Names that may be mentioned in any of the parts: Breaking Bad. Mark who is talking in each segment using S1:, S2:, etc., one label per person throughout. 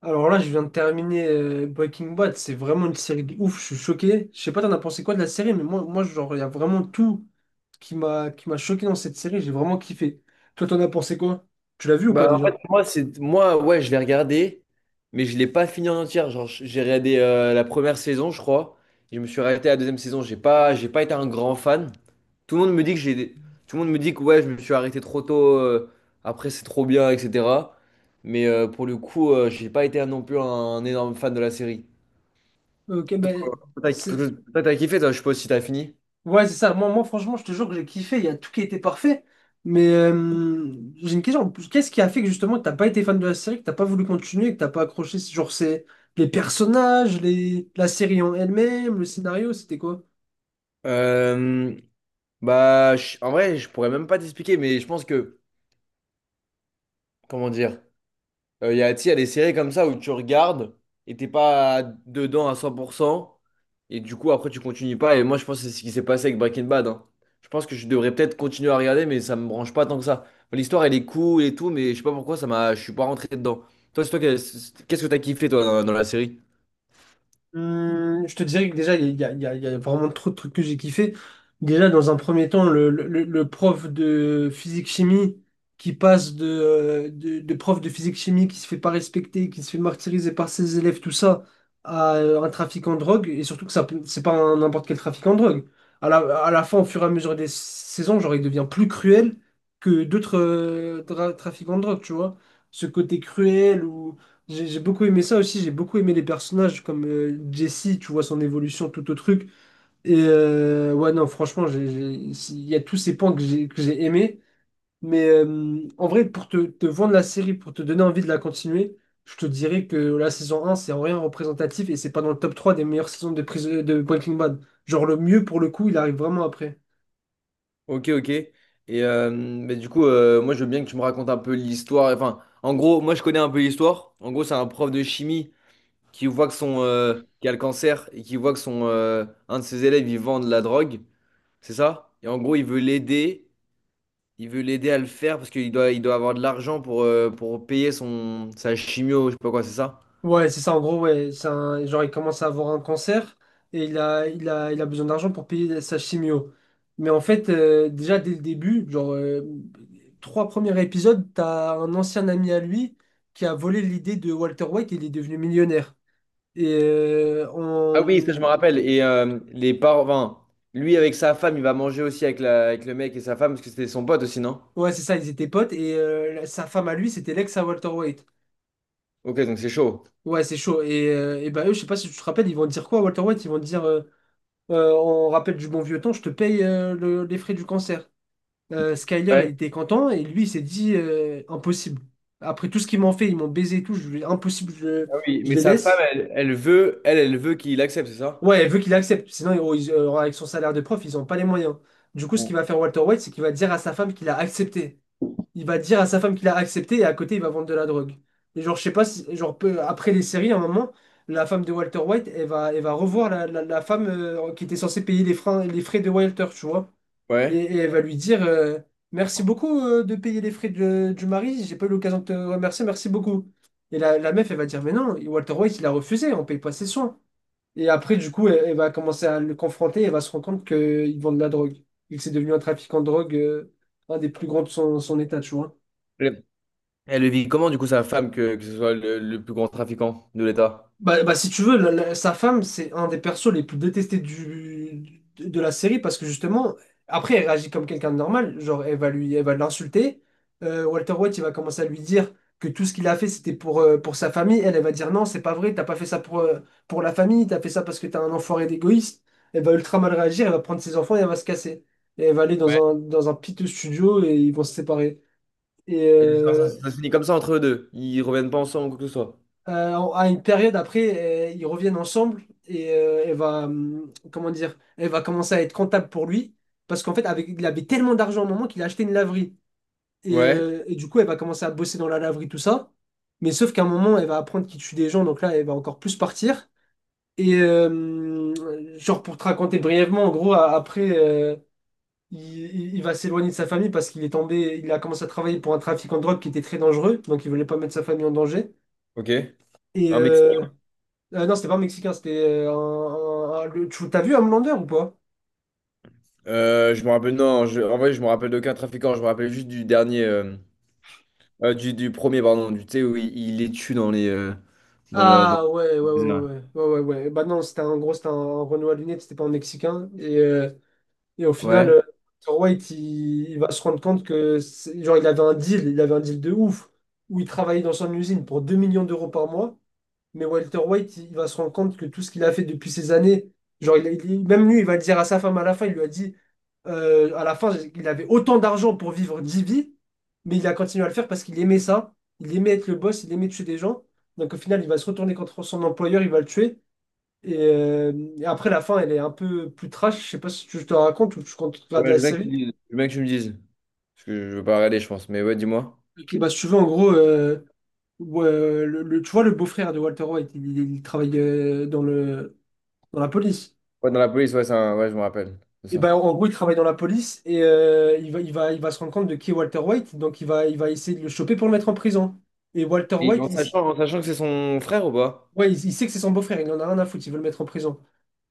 S1: Alors là, je viens de terminer Breaking Bad. C'est vraiment une série de ouf. Je suis choqué. Je sais pas, t'en as pensé quoi de la série, mais moi, genre, il y a vraiment tout qui m'a choqué dans cette série. J'ai vraiment kiffé. Toi, t'en as pensé quoi? Tu l'as vu ou pas
S2: Bah, en
S1: déjà?
S2: fait, moi, c'est, moi, ouais, je l'ai regardé, mais je l'ai pas fini en entière. Genre, j'ai regardé la première saison, je crois. Je me suis arrêté à la deuxième saison. J'ai pas été un grand fan. Tout le monde me dit que j'ai, tout le monde me dit que ouais, je me suis arrêté trop tôt. Après, c'est trop bien, etc. Mais pour le coup, j'ai pas été non plus un énorme fan de la série.
S1: Ok, ben,
S2: Toi,
S1: c'est...
S2: t'as kiffé, toi, je sais pas si t'as fini.
S1: Ouais, c'est ça. Moi, franchement, je te jure que j'ai kiffé. Il y a tout qui était parfait. Mais j'ai une question. Qu'est-ce qui a fait que justement, t'as pas été fan de la série, que t'as pas voulu continuer, que t'as pas accroché? Genre, c'est les personnages, les... la série en elle-même, le scénario, c'était quoi?
S2: Euh, Bah, en vrai, je pourrais même pas t'expliquer, mais je pense que, comment dire. Il y a, tu sais, il y a des séries comme ça où tu regardes et t'es pas dedans à 100%. Et du coup, après, tu continues pas. Et moi, je pense que c'est ce qui s'est passé avec Breaking Bad, hein. Je pense que je devrais peut-être continuer à regarder, mais ça me branche pas tant que ça. L'histoire, elle est cool et tout, mais je sais pas pourquoi ça m'a... je suis pas rentré dedans. Toi, c'est toi, qui- c'est- qu'est-ce que t'as kiffé, toi, dans, dans la série?
S1: Je te dirais que déjà, il y a, il y a- il y a vraiment trop de trucs que j'ai kiffé. Déjà, dans un premier temps, le prof de physique-chimie qui passe de prof de physique-chimie qui se fait pas respecter, qui se fait martyriser par ses élèves, tout ça, à un trafiquant de drogue, et surtout que ça, c'est pas n'importe quel trafiquant de drogue. À la, à la fin, au fur et à mesure des saisons, genre, il devient plus cruel que d'autres trafiquants de drogue, tu vois. Ce côté cruel ou j'ai beaucoup aimé ça aussi, j'ai beaucoup aimé les personnages comme Jesse, tu vois son évolution, tout au truc. Et ouais, non, franchement, il y a tous ces points que j'ai aimés. Mais en vrai, pour te vendre la série, pour te donner envie de la continuer, je te dirais que la saison un c'est en rien représentatif et c'est pas dans le top 3 des meilleures saisons de, de Breaking Bad. Genre le mieux pour le coup, il arrive vraiment après.
S2: Ok, ok. Et mais du coup, moi, je veux bien que tu me racontes un peu l'histoire. Enfin, en gros, moi, je connais un peu l'histoire. En gros, c'est un prof de chimie qui voit que son qui a le cancer et qui voit que son un de ses élèves il vend de la drogue, c'est ça? Et en gros, il veut l'aider à le faire parce qu'il doit avoir de l'argent pour payer son sa chimio, je sais pas quoi, c'est ça?
S1: Ouais, c'est ça, en gros, ouais. Genre, il commence à avoir un cancer et il a besoin d'argent pour payer sa chimio. Mais en fait, déjà dès le début, trois premiers épisodes, t'as un ancien ami à lui qui a volé l'idée de Walter White et il est devenu millionnaire. Et
S2: Ah oui, ça je me
S1: on...
S2: rappelle. Et les parents, enfin, lui avec sa femme, il va manger aussi avec la avec le mec et sa femme parce que c'était son pote aussi, non?
S1: Ouais, c'est ça, ils étaient potes et sa femme à lui, c'était l'ex à Walter White.
S2: Ok, donc c'est chaud.
S1: Ouais, c'est chaud. Et bah, eux, je sais pas si tu te rappelles, ils vont dire quoi à Walter White? Ils vont dire, on rappelle du bon vieux temps, je te paye les frais du cancer. Skyler, il
S2: Ouais.
S1: était content et lui, il s'est dit impossible. Après tout ce qu'ils m'ont fait, ils m'ont baisé et tout, impossible, je,
S2: Ah oui,
S1: je
S2: mais
S1: les
S2: sa femme,
S1: laisse.
S2: elle veut, elle veut qu'il accepte, c'est ça?
S1: Ouais, elle veut qu'il accepte, sinon avec son salaire de prof, ils n'ont pas les moyens. Du coup, ce qu'il
S2: Bon.
S1: va faire Walter White, c'est qu'il va dire à sa femme qu'il a accepté. Il va dire à sa femme qu'il a accepté et à côté, il va vendre de la drogue. Et genre, je sais pas, après les séries, à un moment, la femme de Walter White, elle va revoir la femme qui était censée payer les freins, les frais de Walter, tu vois.
S2: Ouais.
S1: Et elle va lui dire Merci beaucoup de payer les frais du mari, j'ai pas eu l'occasion de te remercier, merci beaucoup. Et la meuf, elle va dire Mais non, Walter White, il a refusé, on paye pas ses soins. Et après, du coup, elle va commencer à le confronter et elle va se rendre compte qu'il vend de la drogue. Il s'est devenu un trafiquant de drogue, un des plus grands de son état, tu vois.
S2: Elle le vit comment, du coup, sa femme, que ce soit le plus grand trafiquant de l'État?
S1: Bah, bah, si tu veux, sa femme, c'est un des persos les plus détestés de la série parce que justement, après, elle réagit comme quelqu'un de normal. Genre, elle va l'insulter. Walter White, il va commencer à lui dire que tout ce qu'il a fait, c'était pour sa famille. Elle va dire non, c'est pas vrai, t'as pas fait ça pour la famille, t'as fait ça parce que t'es un enfoiré d'égoïste. Elle va ultra mal réagir, elle va prendre ses enfants et elle va se casser. Et elle va aller
S2: Ouais.
S1: dans un piteux studio et ils vont se séparer. Et,
S2: Et genre, ça se finit comme ça entre eux deux. Ils reviennent pas ensemble ou quoi que ce soit.
S1: à une période après, ils reviennent ensemble et elle va, comment dire, elle va commencer à être comptable pour lui parce qu'en fait, avec, il avait tellement d'argent à un moment qu'il a acheté une laverie.
S2: Ouais,
S1: Et du coup, elle va commencer à bosser dans la laverie, tout ça. Mais sauf qu'à un moment, elle va apprendre qu'il tue des gens, donc là, elle va encore plus partir. Et genre, pour te raconter brièvement, en gros, après, il va s'éloigner de sa famille parce qu'il est tombé, il a commencé à travailler pour un trafiquant de drogue qui était très dangereux, donc il voulait pas mettre sa famille en danger.
S2: ok.
S1: Et,
S2: Un Mexique.
S1: non, c'était pas mexicain, c'était t'as vu Homelander ou pas?
S2: Je me rappelle, non, en vrai, je me rappelle d'aucun trafiquant. Je me rappelle juste du dernier, du premier, pardon, du, tu sais, où il les tue dans les, dans le
S1: Ah ouais, ouais, ouais,
S2: désert.
S1: ouais, ouais, ouais, ouais, ouais. Bah non, c'était un Renoir à lunettes, c'était pas un mexicain. Et, et au final,
S2: Ouais.
S1: Walter White, il va se rendre compte que, genre, il avait un deal, il avait un deal de ouf, où il travaillait dans son usine pour 2 millions d'euros par mois. Mais Walter White, il va se rendre compte que tout ce qu'il a fait depuis ces années, même lui, il va le dire à sa femme à la fin, il lui a dit, à la fin, il avait autant d'argent pour vivre 10 vies, mais il a continué à le faire parce qu'il aimait ça, il aimait être le boss, il aimait tuer des gens. Donc au final, il va se retourner contre son employeur, il va le tuer. Et, euh, et après, la fin, elle est un peu plus trash. Je sais pas si tu je te raconte ou tu comptes
S2: Ouais,
S1: regarder
S2: je
S1: la
S2: veux bien que tu me
S1: série.
S2: dises. Je veux bien que tu me dises. Parce que je veux pas regarder, je pense. Mais ouais, dis-moi.
S1: Et bah, si tu veux, en gros, tu vois, le beau-frère de Walter White, il travaille dans le, dans la police.
S2: Ouais, dans la police, ouais, ouais, je me rappelle. C'est
S1: Et
S2: ça.
S1: ben en gros, il travaille dans la police et il va se rendre compte de qui est Walter White. Donc, il va essayer de le choper pour le mettre en prison. Et Walter
S2: Et
S1: White, il,
S2: en sachant que c'est son frère ou pas?
S1: ouais, il sait que c'est son beau-frère, il en a rien à foutre, il veut le mettre en prison.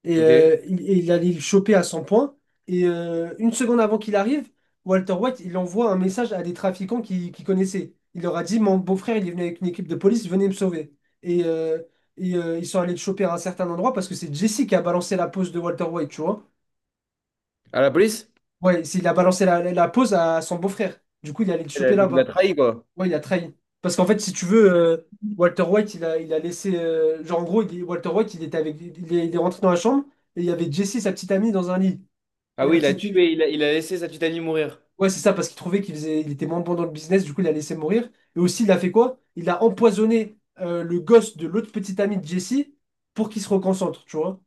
S1: Et,
S2: Ok.
S1: et il allait le choper à 100 points. Et une seconde avant qu'il arrive, Walter White, il envoie un message à des trafiquants qu'il connaissait. Il leur a dit, mon beau-frère, il est venu avec une équipe de police, venez me sauver. Et, ils sont allés le choper à un certain endroit parce que c'est Jesse qui a balancé la pose de Walter White, tu vois.
S2: À la police?
S1: Ouais, il a balancé la pose à son beau-frère. Du coup, il allait le choper
S2: Donc il a
S1: là-bas.
S2: trahi, quoi.
S1: Ouais, il a trahi. Parce qu'en fait, si tu veux, Walter White, il a laissé. Genre, en gros, Walter White, il était avec, il est rentré dans la chambre et il y avait Jesse, sa petite amie, dans un lit. Et
S2: Ah
S1: la
S2: oui,
S1: petite.
S2: il a laissé sa petite amie mourir.
S1: Ouais, c'est ça, parce qu'il trouvait qu'il faisait, il était moins bon dans le business, du coup, il l'a laissé mourir. Et aussi, il a fait quoi? Il a empoisonné le gosse de l'autre petite amie de Jesse pour qu'il se reconcentre, tu vois.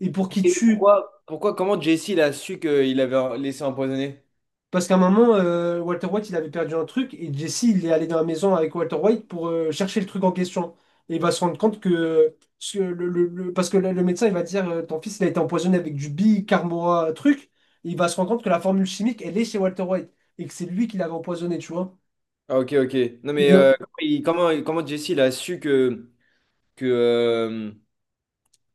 S1: Et pour qu'il
S2: Et
S1: tue
S2: pourquoi? Pourquoi, comment Jesse il a su qu'il avait laissé empoisonner?
S1: parce qu'à un moment, Walter White, il avait perdu un truc et Jesse, il est allé dans la maison avec Walter White pour chercher le truc en question. Et il va se rendre compte que, ce que parce que le médecin, il va dire, ton fils, il a été empoisonné avec du bicarbonate truc. Et il va se rendre compte que la formule chimique, elle est chez Walter White et que c'est lui qui l'avait empoisonné, tu vois.
S2: Ah ok, ok. Non mais
S1: Il,
S2: comment, comment Jesse il a su que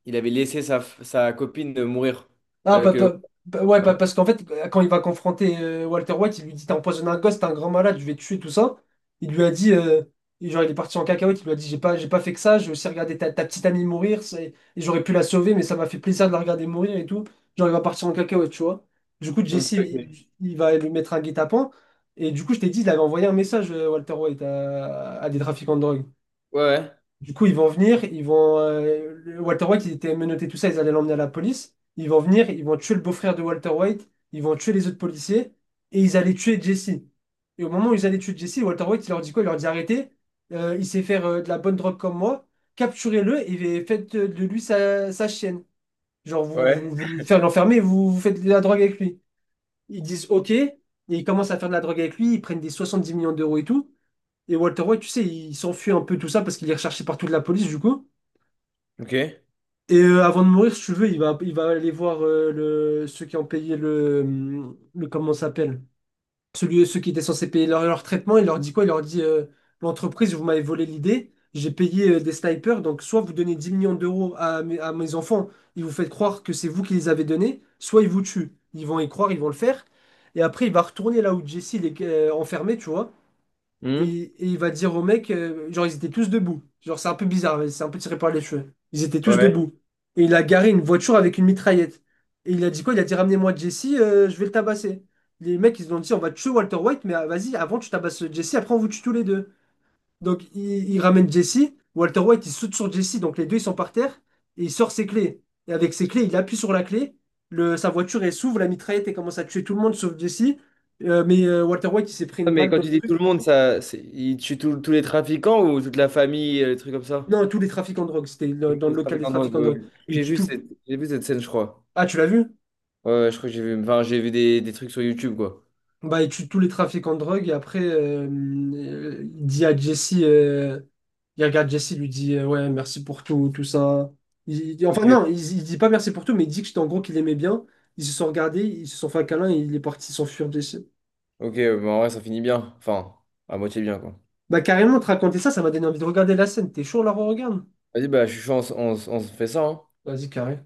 S2: il avait laissé sa copine de mourir?
S1: ah,
S2: Euh, que...
S1: ouais, parce qu'en fait, quand il va confronter Walter White, il lui dit, t'as empoisonné un gosse, t'es un grand malade, je vais te tuer, tout ça. Il lui a dit, et genre, il est parti en cacahuète, il lui a dit, j'ai pas fait que ça, j'ai aussi regardé ta petite amie mourir, et j'aurais pu la sauver, mais ça m'a fait plaisir de la regarder mourir et tout. Genre, il va partir en cacahuète, tu vois. Du coup, Jesse,
S2: Ok, ok.
S1: il, il va lui mettre un guet-apens. Et du coup, je t'ai dit, il avait envoyé un message, Walter White, à des trafiquants de drogue.
S2: Ouais,
S1: Du coup, ils vont. Walter White, il était menotté, tout ça, ils allaient l'emmener à la police. Ils vont venir, ils vont tuer le beau-frère de Walter White, ils vont tuer les autres policiers, et ils allaient tuer Jesse. Et au moment où ils allaient tuer Jesse, Walter White, il leur dit quoi? Il leur dit arrêtez, il sait faire de la bonne drogue comme moi, capturez-le et faites de lui sa chienne. Genre,
S2: ouais.
S1: vous le faites l'enfermer, vous faites de la drogue avec lui. Ils disent ok, et ils commencent à faire de la drogue avec lui, ils prennent des 70 millions d'euros et tout. Et Walter White, tu sais, il s'enfuit un peu tout ça parce qu'il est recherché partout de la police, du coup.
S2: Ok.
S1: Et avant de mourir, si tu veux, il va aller voir ceux qui ont payé le comment ça s'appelle, ceux qui étaient censés payer leur traitement. Il leur dit quoi? Il leur dit l'entreprise, vous m'avez volé l'idée, j'ai payé des snipers, donc soit vous donnez 10 millions d'euros à mes enfants, ils vous faites croire que c'est vous qui les avez donnés, soit ils vous tuent. Ils vont y croire, ils vont le faire. Et après, il va retourner là où Jesse il est enfermé, tu vois.
S2: Hmm.
S1: Et il va dire au mec, genre ils étaient tous debout. Genre c'est un peu bizarre, mais c'est un peu tiré par les cheveux. Ils étaient tous
S2: Ouais.
S1: debout. Et il a garé une voiture avec une mitraillette. Et il a dit quoi? Il a dit ramenez-moi Jesse, je vais le tabasser. Les mecs ils ont dit on va tuer Walter White, mais ah, vas-y, avant tu tabasses Jesse, après on vous tue tous les deux. Donc il ramène Jesse, Walter White il saute sur Jesse, donc les deux ils sont par terre, et il sort ses clés. Et avec ses clés, il appuie sur la clé, sa voiture elle s'ouvre, la mitraillette elle commence à tuer tout le monde sauf Jesse. Mais Walter White il s'est pris
S2: Ah,
S1: une
S2: mais
S1: balle
S2: quand
S1: dans
S2: tu
S1: le
S2: dis tout
S1: truc.
S2: le monde, il tue tous les trafiquants ou toute la famille, des trucs comme ça?
S1: Non, tous les trafiquants de drogue. C'était dans le
S2: Les
S1: local des
S2: trafiquants de drogue,
S1: trafiquants de
S2: ouais.
S1: drogue. Ils tuent tout.
S2: J'ai vu cette scène, je crois.
S1: Ah, tu l'as vu?
S2: Ouais, ouais, je crois que j'ai vu, enfin, j'ai vu des trucs sur YouTube, quoi.
S1: Bah, ils tuent tous les trafiquants de drogue et après, il dit à Jesse, il regarde Jesse, il lui dit, ouais, merci pour tout, tout ça.
S2: Ok.
S1: Enfin, non, il dit pas merci pour tout, mais il dit que, en gros qu'il aimait bien. Ils se sont regardés, ils se sont fait un câlin et il est parti s'enfuir d'ici.
S2: Ok, bah en vrai, ça finit bien. Enfin, à moitié bien, quoi.
S1: Bah, carrément, te raconter ça, ça m'a donné envie de regarder la scène. T'es chaud, là, on regarde?
S2: Vas-y, bah, je suis chaud, on se fait ça, hein.
S1: Vas-y, carré.